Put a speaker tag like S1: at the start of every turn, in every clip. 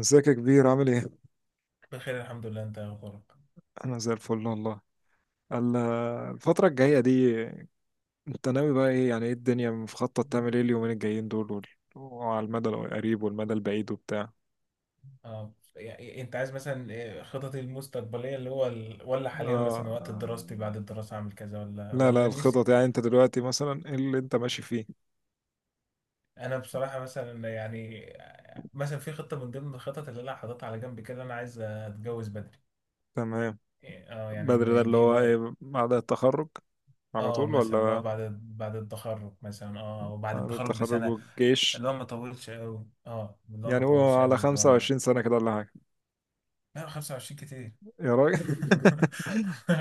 S1: ازيك يا كبير؟ عامل ايه؟
S2: بخير الحمد لله. انت يا اخبارك؟
S1: انا زي الفل والله. ال- الفترة الجاية دي، انت ناوي بقى ايه؟ يعني ايه الدنيا؟ مخطط تعمل ايه اليومين الجايين دول وعلى المدى القريب والمدى البعيد وبتاع؟
S2: اه يعني انت عايز مثلا ايه خططي المستقبليه اللي هو ال... ولا حاليا
S1: آه.
S2: مثلا وقت دراستي بعد الدراسه اعمل كذا ولا
S1: لا لا،
S2: ولا نفسي
S1: الخطط يعني
S2: فين؟
S1: انت دلوقتي مثلا ايه اللي انت ماشي فيه؟
S2: انا بصراحه مثلا مثلا في خطه من ضمن الخطط اللي انا حاططها على جنب كده، انا عايز اتجوز بدري.
S1: تمام.
S2: اه
S1: بدري ده
S2: يعني
S1: اللي
S2: دي
S1: هو
S2: بقى
S1: ايه؟ بعد التخرج على
S2: اه
S1: طول
S2: مثلا اللي هو
S1: ولا؟
S2: بعد التخرج، مثلا وبعد
S1: بعد
S2: التخرج
S1: التخرج
S2: بسنه.
S1: والجيش؟
S2: اللي هو ما طولش قوي، اللي هو ما
S1: يعني هو
S2: طولش
S1: على
S2: قوي، اللي هو ما.
S1: 25 سنة كده ولا حاجة؟
S2: لا، 25 كتير.
S1: يا راجل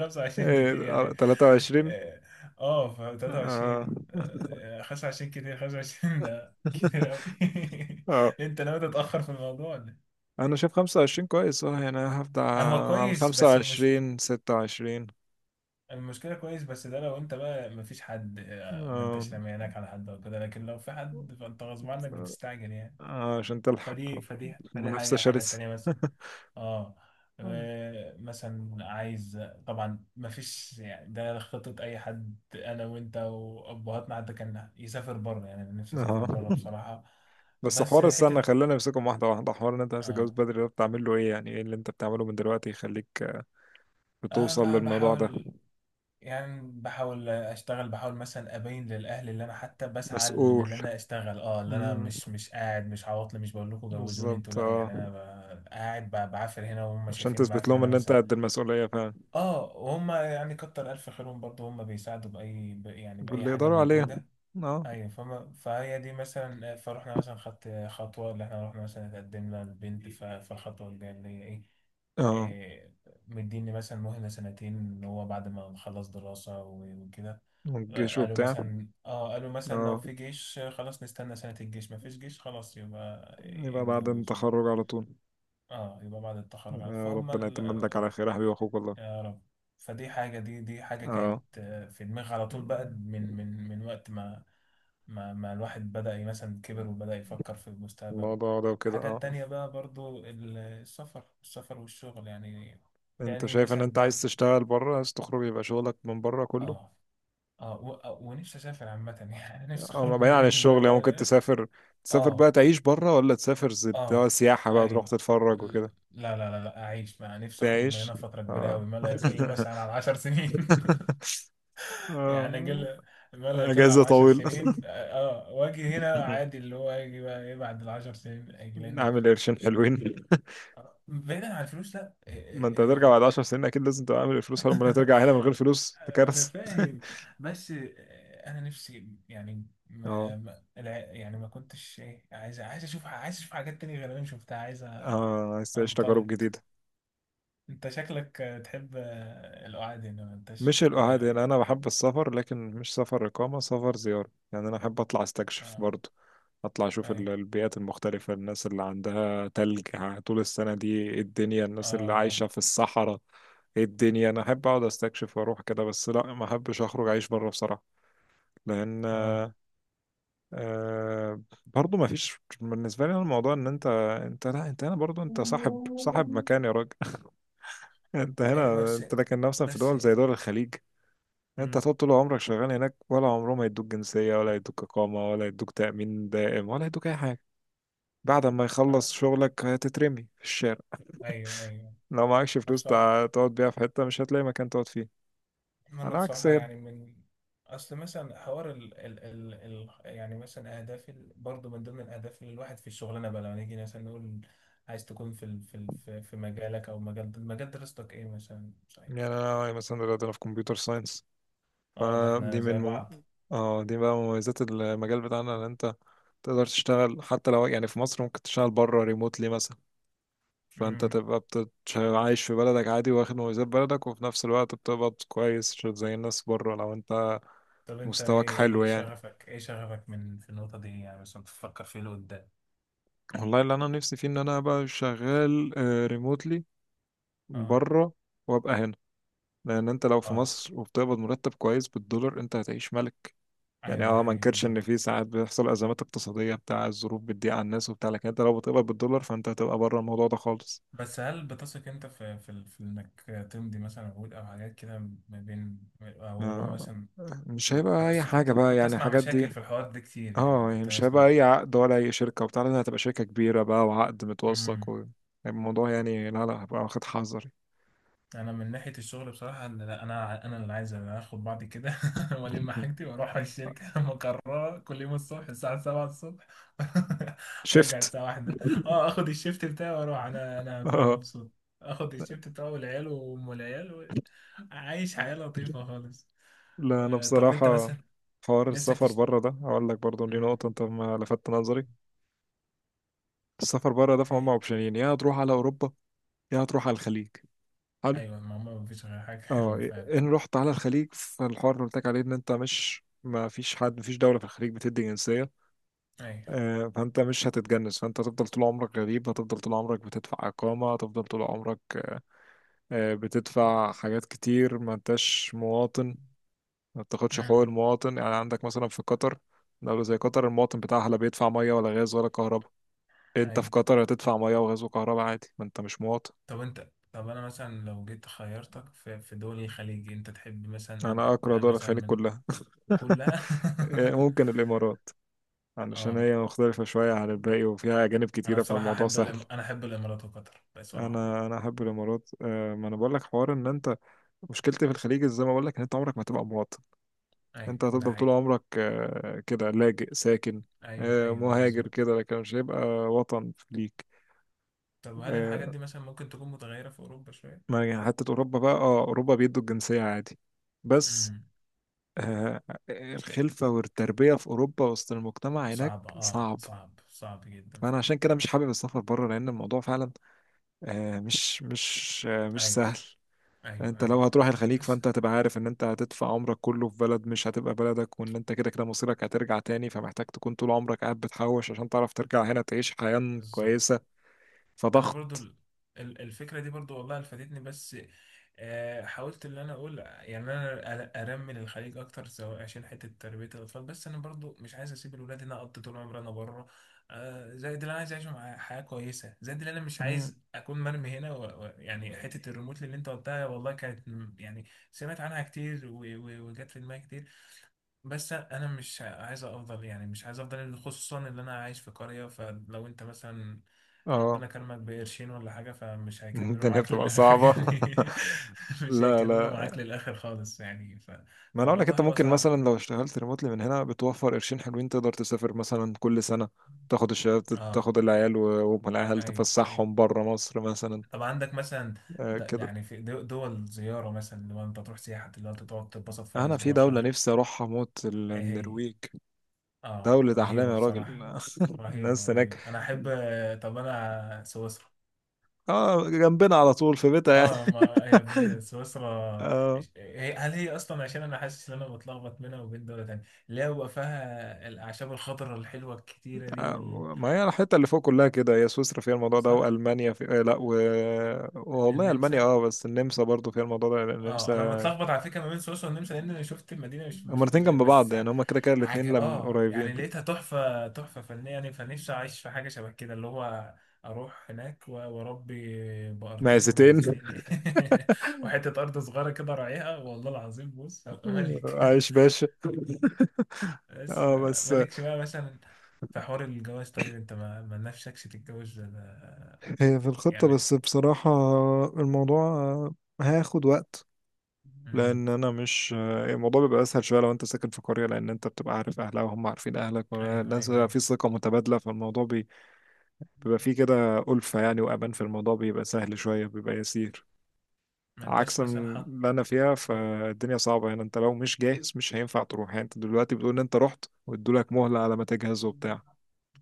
S2: 25 كتير
S1: إيه،
S2: يعني.
S1: 23.
S2: اه ف
S1: اه
S2: 23 25 كتير، 25 ده كتير قوي. انت ناوي تتأخر في الموضوع ولا؟
S1: انا شايف 25 كويس. اه يعني أنا هبدأ
S2: إيه؟ هو
S1: على
S2: كويس
S1: خمسة
S2: بس المش...
S1: وعشرين 26.
S2: المشكلة كويس، بس ده لو انت بقى مفيش حد، ما
S1: آه،
S2: انتش رميانك على حد او كده، لكن لو في حد فانت غصب عنك بتستعجل يعني.
S1: آه، عشان تلحق
S2: فدي فدي فدي
S1: منافسة
S2: حاجة الحاجة
S1: شرسة
S2: التانية بس اه مثلا عايز، طبعا ما فيش يعني ده خطة اي حد، انا وانت وابهاتنا حتى كان يسافر بره. يعني انا نفسي اسافر
S1: اه،
S2: بره بصراحة.
S1: بس
S2: بس
S1: حوار السنة،
S2: حتة
S1: خلينا نمسكهم واحدة واحدة. حوار ان انت نفسك
S2: اه
S1: تتجوز بدري ده، بتعمل له ايه؟ يعني ايه اللي انت بتعمله من دلوقتي يخليك
S2: انا
S1: بتوصل للموضوع ده؟
S2: بحاول، يعني بحاول اشتغل، بحاول مثلا ابين للاهل اللي انا حتى بسعى، اللي
S1: مسؤول.
S2: انا اشتغل، اللي انا
S1: امم
S2: مش قاعد، مش عواطلي، مش بقول لكم جوزوني انتوا،
S1: بالظبط
S2: لا
S1: اه،
S2: يعني انا قاعد بعافر هنا وهم
S1: عشان
S2: شايفيني
S1: تثبت
S2: بعافر
S1: لهم
S2: هنا
S1: ان انت
S2: مثلا.
S1: قد المسؤولية فعلا.
S2: اه وهم يعني كتر الف خيرهم برضو، هم بيساعدوا باي يعني باي
S1: واللي
S2: حاجه
S1: يقدروا عليها،
S2: موجوده.
S1: اه.
S2: ايوه، فهي دي مثلا. فروحنا مثلا خدت خطوه اللي احنا رحنا مثلا اتقدمنا للبنت، فالخطوه الجايه اللي هي ايه؟
S1: اه،
S2: إيه، مديني مثلا مهله سنتين، اللي هو بعد ما نخلص دراسه وكده.
S1: والجيش
S2: قالوا
S1: وبتاع.
S2: مثلا قالوا مثلا لو
S1: اه،
S2: في جيش خلاص نستنى سنه الجيش، ما فيش جيش خلاص يبقى
S1: يبقى بعد
S2: اتجوز بقى.
S1: التخرج على طول.
S2: اه، يبقى بعد التخرج
S1: آه،
S2: فهم.
S1: ربنا يتمم لك على خير يا حبيبي، اخوك والله.
S2: يا رب. فدي حاجة، دي حاجة
S1: اه،
S2: كانت في دماغي على طول بقى، من وقت ما ما الواحد بدأ مثلا كبر وبدأ يفكر في مستقبله.
S1: الموضوع ده وكده
S2: الحاجة
S1: اه.
S2: التانية بقى برضو السفر، والشغل يعني.
S1: انت
S2: تاني
S1: شايف ان
S2: مثلا
S1: انت
S2: بقى
S1: عايز تشتغل بره؟ عايز تخرج يبقى شغلك من بره كله؟
S2: اه ونفسي اسافر عامة. يعني نفسي
S1: اه، ما
S2: اخرج
S1: بعيد عن
S2: من لا
S1: الشغل، يعني
S2: لا
S1: ممكن
S2: لا
S1: تسافر. تسافر
S2: اه
S1: بقى تعيش بره، ولا تسافر اللي هو
S2: اه
S1: سياحة بقى، تروح
S2: ايوه.
S1: تتفرج وكده؟
S2: لا، اعيش مع نفسي، اخرج من
S1: تعيش،
S2: هنا فترة كبيرة
S1: اه
S2: قوي، ما لا يقل مثلا عن 10 سنين. يعني
S1: اه،
S2: قل، ما لا يقل عن
S1: اجازة
S2: عشر
S1: طويلة
S2: سنين واجي هنا عادي، اللي هو يجي بقى ايه بعد ال10 سنين اجي لان.
S1: عامل قرشين حلوين.
S2: بعيدا عن الفلوس، لا
S1: ما
S2: إيه.
S1: انت هترجع بعد
S2: إيه.
S1: 10 سنين، اكيد لازم تبقى عامل الفلوس، امال هترجع هنا من غير فلوس؟ ده
S2: انا
S1: كارثه
S2: فاهم، بس انا نفسي يعني
S1: اه،
S2: ما ما الع- يعني ما كنتش ايه عايز، عايز اشوف حاجات تانية غير اللي انا شفتها، عايز
S1: اه، عايز تعيش تجارب
S2: انطلق.
S1: جديده.
S2: انت شكلك تحب القعاد هنا، ما انتش؟
S1: مش
S2: لا،
S1: القعاد، يعني
S2: يعني،
S1: انا بحب السفر لكن مش سفر اقامه، سفر زياره. يعني انا احب اطلع استكشف
S2: اه
S1: برضه، اطلع اشوف
S2: اي.
S1: البيئات المختلفه، الناس اللي عندها تلج طول السنه دي ايه الدنيا، الناس اللي
S2: اه
S1: عايشه في الصحراء ايه الدنيا. انا احب اقعد استكشف واروح كده، بس لا، ما احبش اخرج اعيش بره بصراحه. لان
S2: اه
S1: برضه ما فيش بالنسبة لي. أنا الموضوع ان انت، انت لا، انت هنا برضه،
S2: اه
S1: انت صاحب مكان يا راجل انت
S2: أيوة
S1: هنا
S2: بس،
S1: انت، لكن مثلا في
S2: بس
S1: دول زي دول الخليج، انت
S2: امم
S1: هتقعد طول عمرك شغال هناك؟ ولا عمرهم ما يدوك جنسية، ولا يدوك إقامة، ولا يدوك تأمين دائم، ولا يدوك أي حاجة. بعد ما
S2: آه.
S1: يخلص شغلك هتترمي في الشارع.
S2: أيوه أيوه.
S1: لو معكش
S2: أنا
S1: فلوس
S2: بصراحة،
S1: تقعد بيها في حتة، مش هتلاقي مكان تقعد فيه.
S2: ما أنا
S1: على عكس
S2: بصراحة
S1: هنا.
S2: يعني، من أصل مثلا حوار ال يعني مثلا أهداف برضه من ضمن الأهداف اللي الواحد في الشغلانة بقى لما نيجي مثلا نقول عايز تكون في ال في ال في في مجالك، أو مجال دراستك إيه مثلا صحيح.
S1: يعني أنا مثلا دلوقتي أنا في كمبيوتر ساينس.
S2: أه، ده إحنا
S1: فدي من
S2: زي
S1: مم...
S2: بعض.
S1: اه، دي بقى مميزات المجال بتاعنا، ان انت تقدر تشتغل حتى لو يعني في مصر، ممكن تشتغل بره ريموتلي مثلا. فانت
S2: امم.
S1: تبقى عايش في بلدك عادي، واخد مميزات بلدك، وفي نفس الوقت بتقبض كويس مش زي الناس بره، لو انت
S2: طب أنت
S1: مستواك
S2: إيه،
S1: حلو
S2: إيه
S1: يعني.
S2: شغفك إيه شغفك من في النقطة دي يعني، مثلا بتفكر فيه لقدام؟
S1: والله اللي انا نفسي فيه ان انا ابقى شغال ريموتلي
S2: أه
S1: بره، وابقى هنا، لان انت لو في
S2: أه،
S1: مصر وبتقبض مرتب كويس بالدولار، انت هتعيش ملك. يعني
S2: أيوه ده
S1: اه ما
S2: حقيقي
S1: انكرش ان في
S2: بالظبط.
S1: ساعات بيحصل ازمات اقتصادية بتاع، الظروف بتضيق على الناس وبتاع، لكن انت لو بتقبض بالدولار فانت هتبقى بره الموضوع ده خالص.
S2: بس هل بتثق انت في انك تمضي مثلا عقود او حاجات كده، ما بين او اللي هو
S1: آه،
S2: مثلا
S1: مش
S2: انا
S1: هيبقى اي
S2: بس كنت
S1: حاجه بقى،
S2: كنت
S1: يعني
S2: اسمع
S1: الحاجات
S2: مشاكل
S1: دي.
S2: في الحوار ده كتير، يعني
S1: اه يعني
S2: كنت
S1: مش هيبقى
S2: اسمع.
S1: اي عقد ولا اي شركه وبتاع، لازم هتبقى شركه كبيره بقى وعقد متوثق و... الموضوع يعني، لا لا، هبقى واخد حذري
S2: انا من ناحيه الشغل بصراحه إن لا انا انا اللي عايز، أنا اخد بعضي كده والم حاجتي واروح على الشركه، مقرره كل يوم الصبح الساعه 7 الصبح وارجع
S1: شفت
S2: الساعه 1. اه، اخد الشيفت بتاعي واروح، انا هكون
S1: اه،
S2: مبسوط، اخد الشيفت بتاعي والعيال وام العيال و... عايش حياه لطيفه خالص.
S1: لا انا
S2: طب انت
S1: بصراحه،
S2: مثلا
S1: حوار
S2: نفسك
S1: السفر
S2: تشت...
S1: بره ده، هقول لك برضه دي
S2: مم.
S1: نقطه انت ما لفتت نظري. السفر بره ده فهم
S2: أي.
S1: اوبشنين: يا هتروح على اوروبا، يا هتروح على الخليج. حلو.
S2: ايوه، ما ما فيش غير حاجه
S1: اه،
S2: غيرهم
S1: إيه،
S2: فعلا.
S1: ان رحت على الخليج فالحوار اللي قلت لك عليه، ان انت مش، ما فيش حد، مفيش دولة في الخليج بتدي جنسية.
S2: ايوه.
S1: آه، فانت مش هتتجنس، فانت هتفضل طول عمرك غريب، هتفضل طول عمرك بتدفع اقامة، هتفضل طول عمرك بتدفع حاجات كتير، ما انتش مواطن. ما بتاخدش حقوق
S2: مم.
S1: المواطن، يعني عندك مثلا في قطر، دولة زي قطر، المواطن بتاعها لا بيدفع مية ولا غاز ولا كهرباء. انت في
S2: ايوه.
S1: قطر هتدفع مية وغاز وكهرباء عادي، ما انت مش مواطن.
S2: طب انت، طب انا مثلا لو جيت خيرتك في دول الخليج انت تحب مثلا قول
S1: انا اكره
S2: بقى
S1: دول
S2: مثلا
S1: الخليج
S2: من
S1: كلها
S2: كلها.
S1: آه، ممكن الامارات، علشان
S2: اه،
S1: هي مختلفة شوية عن الباقي، وفيها أجانب
S2: انا
S1: كتيرة
S2: بصراحه
S1: فالموضوع
S2: احب
S1: سهل.
S2: الإم... انا احب الامارات وقطر بصراحه يعني.
S1: انا احب الامارات. آه، ما انا بقول لك حوار ان انت، مشكلتي في الخليج زي ما بقول لك، ان انت عمرك ما هتبقى مواطن.
S2: ايوه
S1: انت
S2: ده
S1: هتفضل طول
S2: حقيقي.
S1: عمرك كده لاجئ ساكن،
S2: ايوه ايوه بالظبط.
S1: مهاجر كده، لكن مش هيبقى وطن ليك.
S2: طب هل الحاجات
S1: آه،
S2: دي مثلا ممكن تكون متغيره في اوروبا شويه؟
S1: ما يعني حتى اوروبا بقى، اه اوروبا بيدوا الجنسية عادي، بس
S2: امم.
S1: آه، الخلفة والتربية في اوروبا وسط المجتمع هناك
S2: صعبه، اه،
S1: صعب.
S2: صعب جدا
S1: فانا
S2: فعلا
S1: عشان كده
S2: آه.
S1: مش حابب السفر بره، لان الموضوع فعلا مش
S2: ايوه
S1: سهل.
S2: ايوه
S1: انت
S2: ايوه.
S1: لو هتروح الخليج،
S2: بس
S1: فانت هتبقى عارف ان انت هتدفع عمرك كله في بلد مش هتبقى بلدك، وان انت كده كده مصيرك هترجع تاني، فمحتاج تكون طول عمرك قاعد بتحوش عشان تعرف ترجع هنا تعيش حياة
S2: بالظبط.
S1: كويسة.
S2: انا برضو
S1: فضغط.
S2: الفكره دي برضو والله فادتني، بس حاولت ان انا اقول يعني انا ارمي للخليج اكتر، سواء عشان حته تربيه الاطفال، بس انا برضو مش عايز اسيب الولاد هنا اقضي طول عمري انا بره، زائد اللي انا عايز اعيش مع حياه كويسه، زائد اللي انا مش
S1: مم.
S2: عايز اكون مرمي هنا و... و... يعني حته الريموت اللي انت قلتها، والله كانت يعني سمعت عنها كتير و... و... وجت في دماغي كتير، بس انا مش عايز افضل يعني، مش عايز افضل اللي، خصوصا ان انا عايش في قرية. فلو انت مثلا
S1: اه
S2: ربنا كرمك بقرشين ولا حاجة فمش هيكملوا
S1: الدنيا
S2: معاك
S1: بتبقى
S2: للآخر
S1: صعبة
S2: يعني. مش
S1: لا
S2: هيكملوا معاك
S1: لا،
S2: للآخر خالص يعني ف...
S1: ما انا اقول لك،
S2: فالموضوع
S1: انت
S2: هيبقى
S1: ممكن
S2: صعب.
S1: مثلا لو اشتغلت ريموتلي من هنا بتوفر قرشين حلوين، تقدر تسافر مثلا كل سنة، تاخد الشباب،
S2: اه.
S1: تاخد العيال والعيال
S2: ايوه ايوه.
S1: تفسحهم بره مصر مثلا.
S2: طب عندك مثلا
S1: آه
S2: د...
S1: كده.
S2: يعني في دول زيارة مثلا لو انت تروح سياحة اللي هو انت تقعد تتبسط فيها
S1: انا في
S2: اسبوع
S1: دولة
S2: شهر؟
S1: نفسي اروحها موت،
S2: ايه هي؟
S1: النرويج.
S2: اه
S1: دولة أحلام
S2: رهيبة
S1: يا راجل
S2: بصراحة. رهيبة
S1: الناس هناك،
S2: رهيبة انا احب. طب انا سويسرا.
S1: اه، جنبنا على طول في بيتها يعني
S2: اه ما هي سويسرا،
S1: اه،
S2: هي، هل هي اصلا، عشان انا حاسس ان انا بتلخبط بينها وبين دولة تانية، اللي هو بقى فيها الاعشاب الخضراء الحلوة الكتيرة دي وال...
S1: آه، ما هي الحتة اللي فوق كلها كده، هي سويسرا فيها الموضوع ده،
S2: صح.
S1: وألمانيا في لا و... والله ألمانيا
S2: النمسا.
S1: اه، بس النمسا برضو فيها الموضوع ده، لأن
S2: اه انا
S1: النمسا،
S2: متلخبط على فكرة ما بين سويسرا والنمسا، لان انا شفت المدينة مش
S1: هما
S2: مش مش
S1: الاتنين
S2: زي،
S1: جنب بعض،
S2: بس
S1: يعني هما كده كده
S2: عج...
S1: الاتنين لم
S2: اه
S1: قريبين.
S2: يعني لقيتها تحفة، تحفة فنية يعني، فنفسي اعيش في حاجة شبه كده، اللي هو اروح هناك واربي بقرتين
S1: معزتين
S2: ومعزتين كده، وحتة ارض صغيرة كده راعيها، والله العظيم بص هبقى ملك.
S1: عايش باشا.
S2: بس
S1: اه بس،
S2: مالكش بقى مثلا في حوار الجواز؟ طيب انت ما نفسكش تتجوز؟ ده ده،
S1: هي في الخطة
S2: يعني.
S1: بس بصراحة، الموضوع هياخد وقت،
S2: امم.
S1: لان انا مش، الموضوع بيبقى اسهل شويه لو انت ساكن في قريه، لان انت بتبقى عارف اهلها وهم عارفين اهلك،
S2: ايوه
S1: الناس
S2: ايوه
S1: بيبقى
S2: ايوه.
S1: في ثقه متبادله، فالموضوع بيبقى فيه كده ألفة يعني، وامان في الموضوع، بيبقى سهل شويه بيبقى يسير.
S2: ما انتش
S1: عكس
S2: مثلا حط؟
S1: اللي انا فيها،
S2: قول.
S1: فالدنيا صعبه يعني، انت لو مش جاهز مش هينفع تروح. يعني انت دلوقتي بتقول ان انت رحت وادولك مهله على ما تجهز وبتاع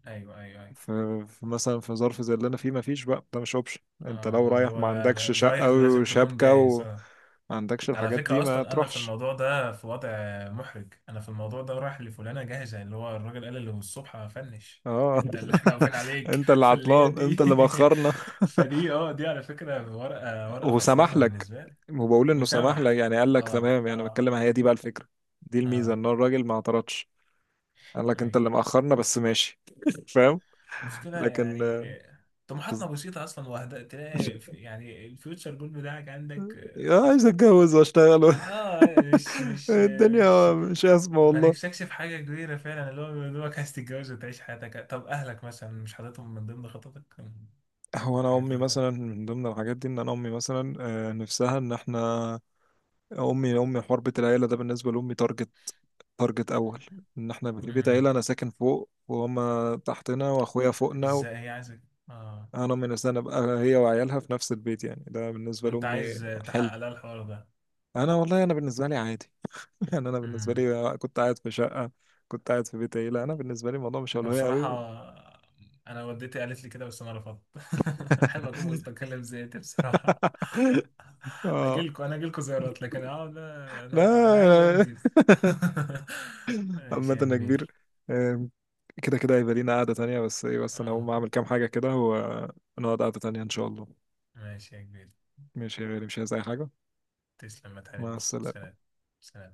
S2: ايوه ايوه.
S1: ف- فمثلا في ظرف زي اللي انا فيه مفيش بقى، ده مش اوبشن. انت لو
S2: اه، اللي
S1: رايح
S2: هو
S1: ما
S2: لا
S1: عندكش
S2: لا،
S1: شقه
S2: رايح لازم تكون
S1: وشبكه
S2: جاهز
S1: وما
S2: اه.
S1: عندكش
S2: ده على
S1: الحاجات دي
S2: فكرة
S1: ما
S2: أصلا أنا في
S1: تروحش.
S2: الموضوع ده في وضع محرج. أنا في الموضوع ده رايح لفلانة جاهزة، اللي هو الراجل قال اللي الصبح هفنش،
S1: اه
S2: أنت اللي إحنا واقفين عليك
S1: انت اللي
S2: فاللي هي
S1: عطلان،
S2: دي.
S1: انت اللي بخرنا
S2: فدي، اه، دي على فكرة ورقة
S1: وسمح
S2: خسرانة
S1: لك،
S2: بالنسبة لي.
S1: وبقول انه سمح
S2: وسمح.
S1: لك، يعني قال لك
S2: اه
S1: تمام، يعني
S2: اه
S1: بتكلم هي دي بقى الفكره. دي الميزه،
S2: اه
S1: ان الراجل ما اعترضش، قال لك
S2: اي.
S1: انت اللي مأخرنا بس ماشي فاهم.
S2: المشكلة
S1: لكن
S2: يعني طموحاتنا بسيطة أصلا. وهدا تلاقي في، يعني الفيوتشر جول بتاعك عندك.
S1: يا عايز اتجوز
S2: اه
S1: واشتغل
S2: آه، مش مش مش
S1: الدنيا مش اسمه
S2: ما
S1: والله.
S2: نفسكش في حاجة كبيرة فعلا، اللي هو يا دوبك عايز تتجوز وتعيش حياتك. طب أهلك مثلا مش حاططهم من ضمن خططك،
S1: هو انا
S2: الحاجات
S1: امي
S2: أنت؟
S1: مثلا من ضمن الحاجات دي، ان انا امي مثلا نفسها ان احنا، امي حربة العيله ده بالنسبه لامي. تارجت، تارجت اول ان احنا في بيت
S2: امم.
S1: عيله، انا ساكن فوق وهما تحتنا واخويا فوقنا و...
S2: ازاي هي عايزك؟ اه.
S1: انا من السنه ابقى هي وعيالها في نفس البيت، يعني ده بالنسبه
S2: وأنت
S1: لامي
S2: عايز
S1: حلم.
S2: تحقق لها الحوار
S1: انا والله انا بالنسبه لي عادي يعني انا
S2: ده؟
S1: بالنسبه لي كنت قاعد في شقه، كنت قاعد في بيت عيله، انا بالنسبه لي الموضوع مش
S2: انا
S1: اولويه
S2: بصراحة،
S1: قوي
S2: انا والدتي قالت لي كده، بس انا رفضت. احب اكون مستقل بذاتي بصراحة. اجي
S1: اه،
S2: لكم، انا اجي لكم زيارات، لكن اقعد، انا عايز
S1: لا
S2: انجز. ماشي
S1: عامه
S2: يا
S1: انا كبير.
S2: كبير.
S1: آم، كده كده هيبقى لينا قعده تانية، بس ايه، بس انا هقوم
S2: اه.
S1: اعمل كام حاجه كده ونقعد قعده تانية ان شاء الله.
S2: ماشي يا كبير،
S1: ماشي يا غالي، مش عايز اي حاجه.
S2: تسلم ما
S1: مع
S2: تحرمش.
S1: السلامة.
S2: سلام. سلام.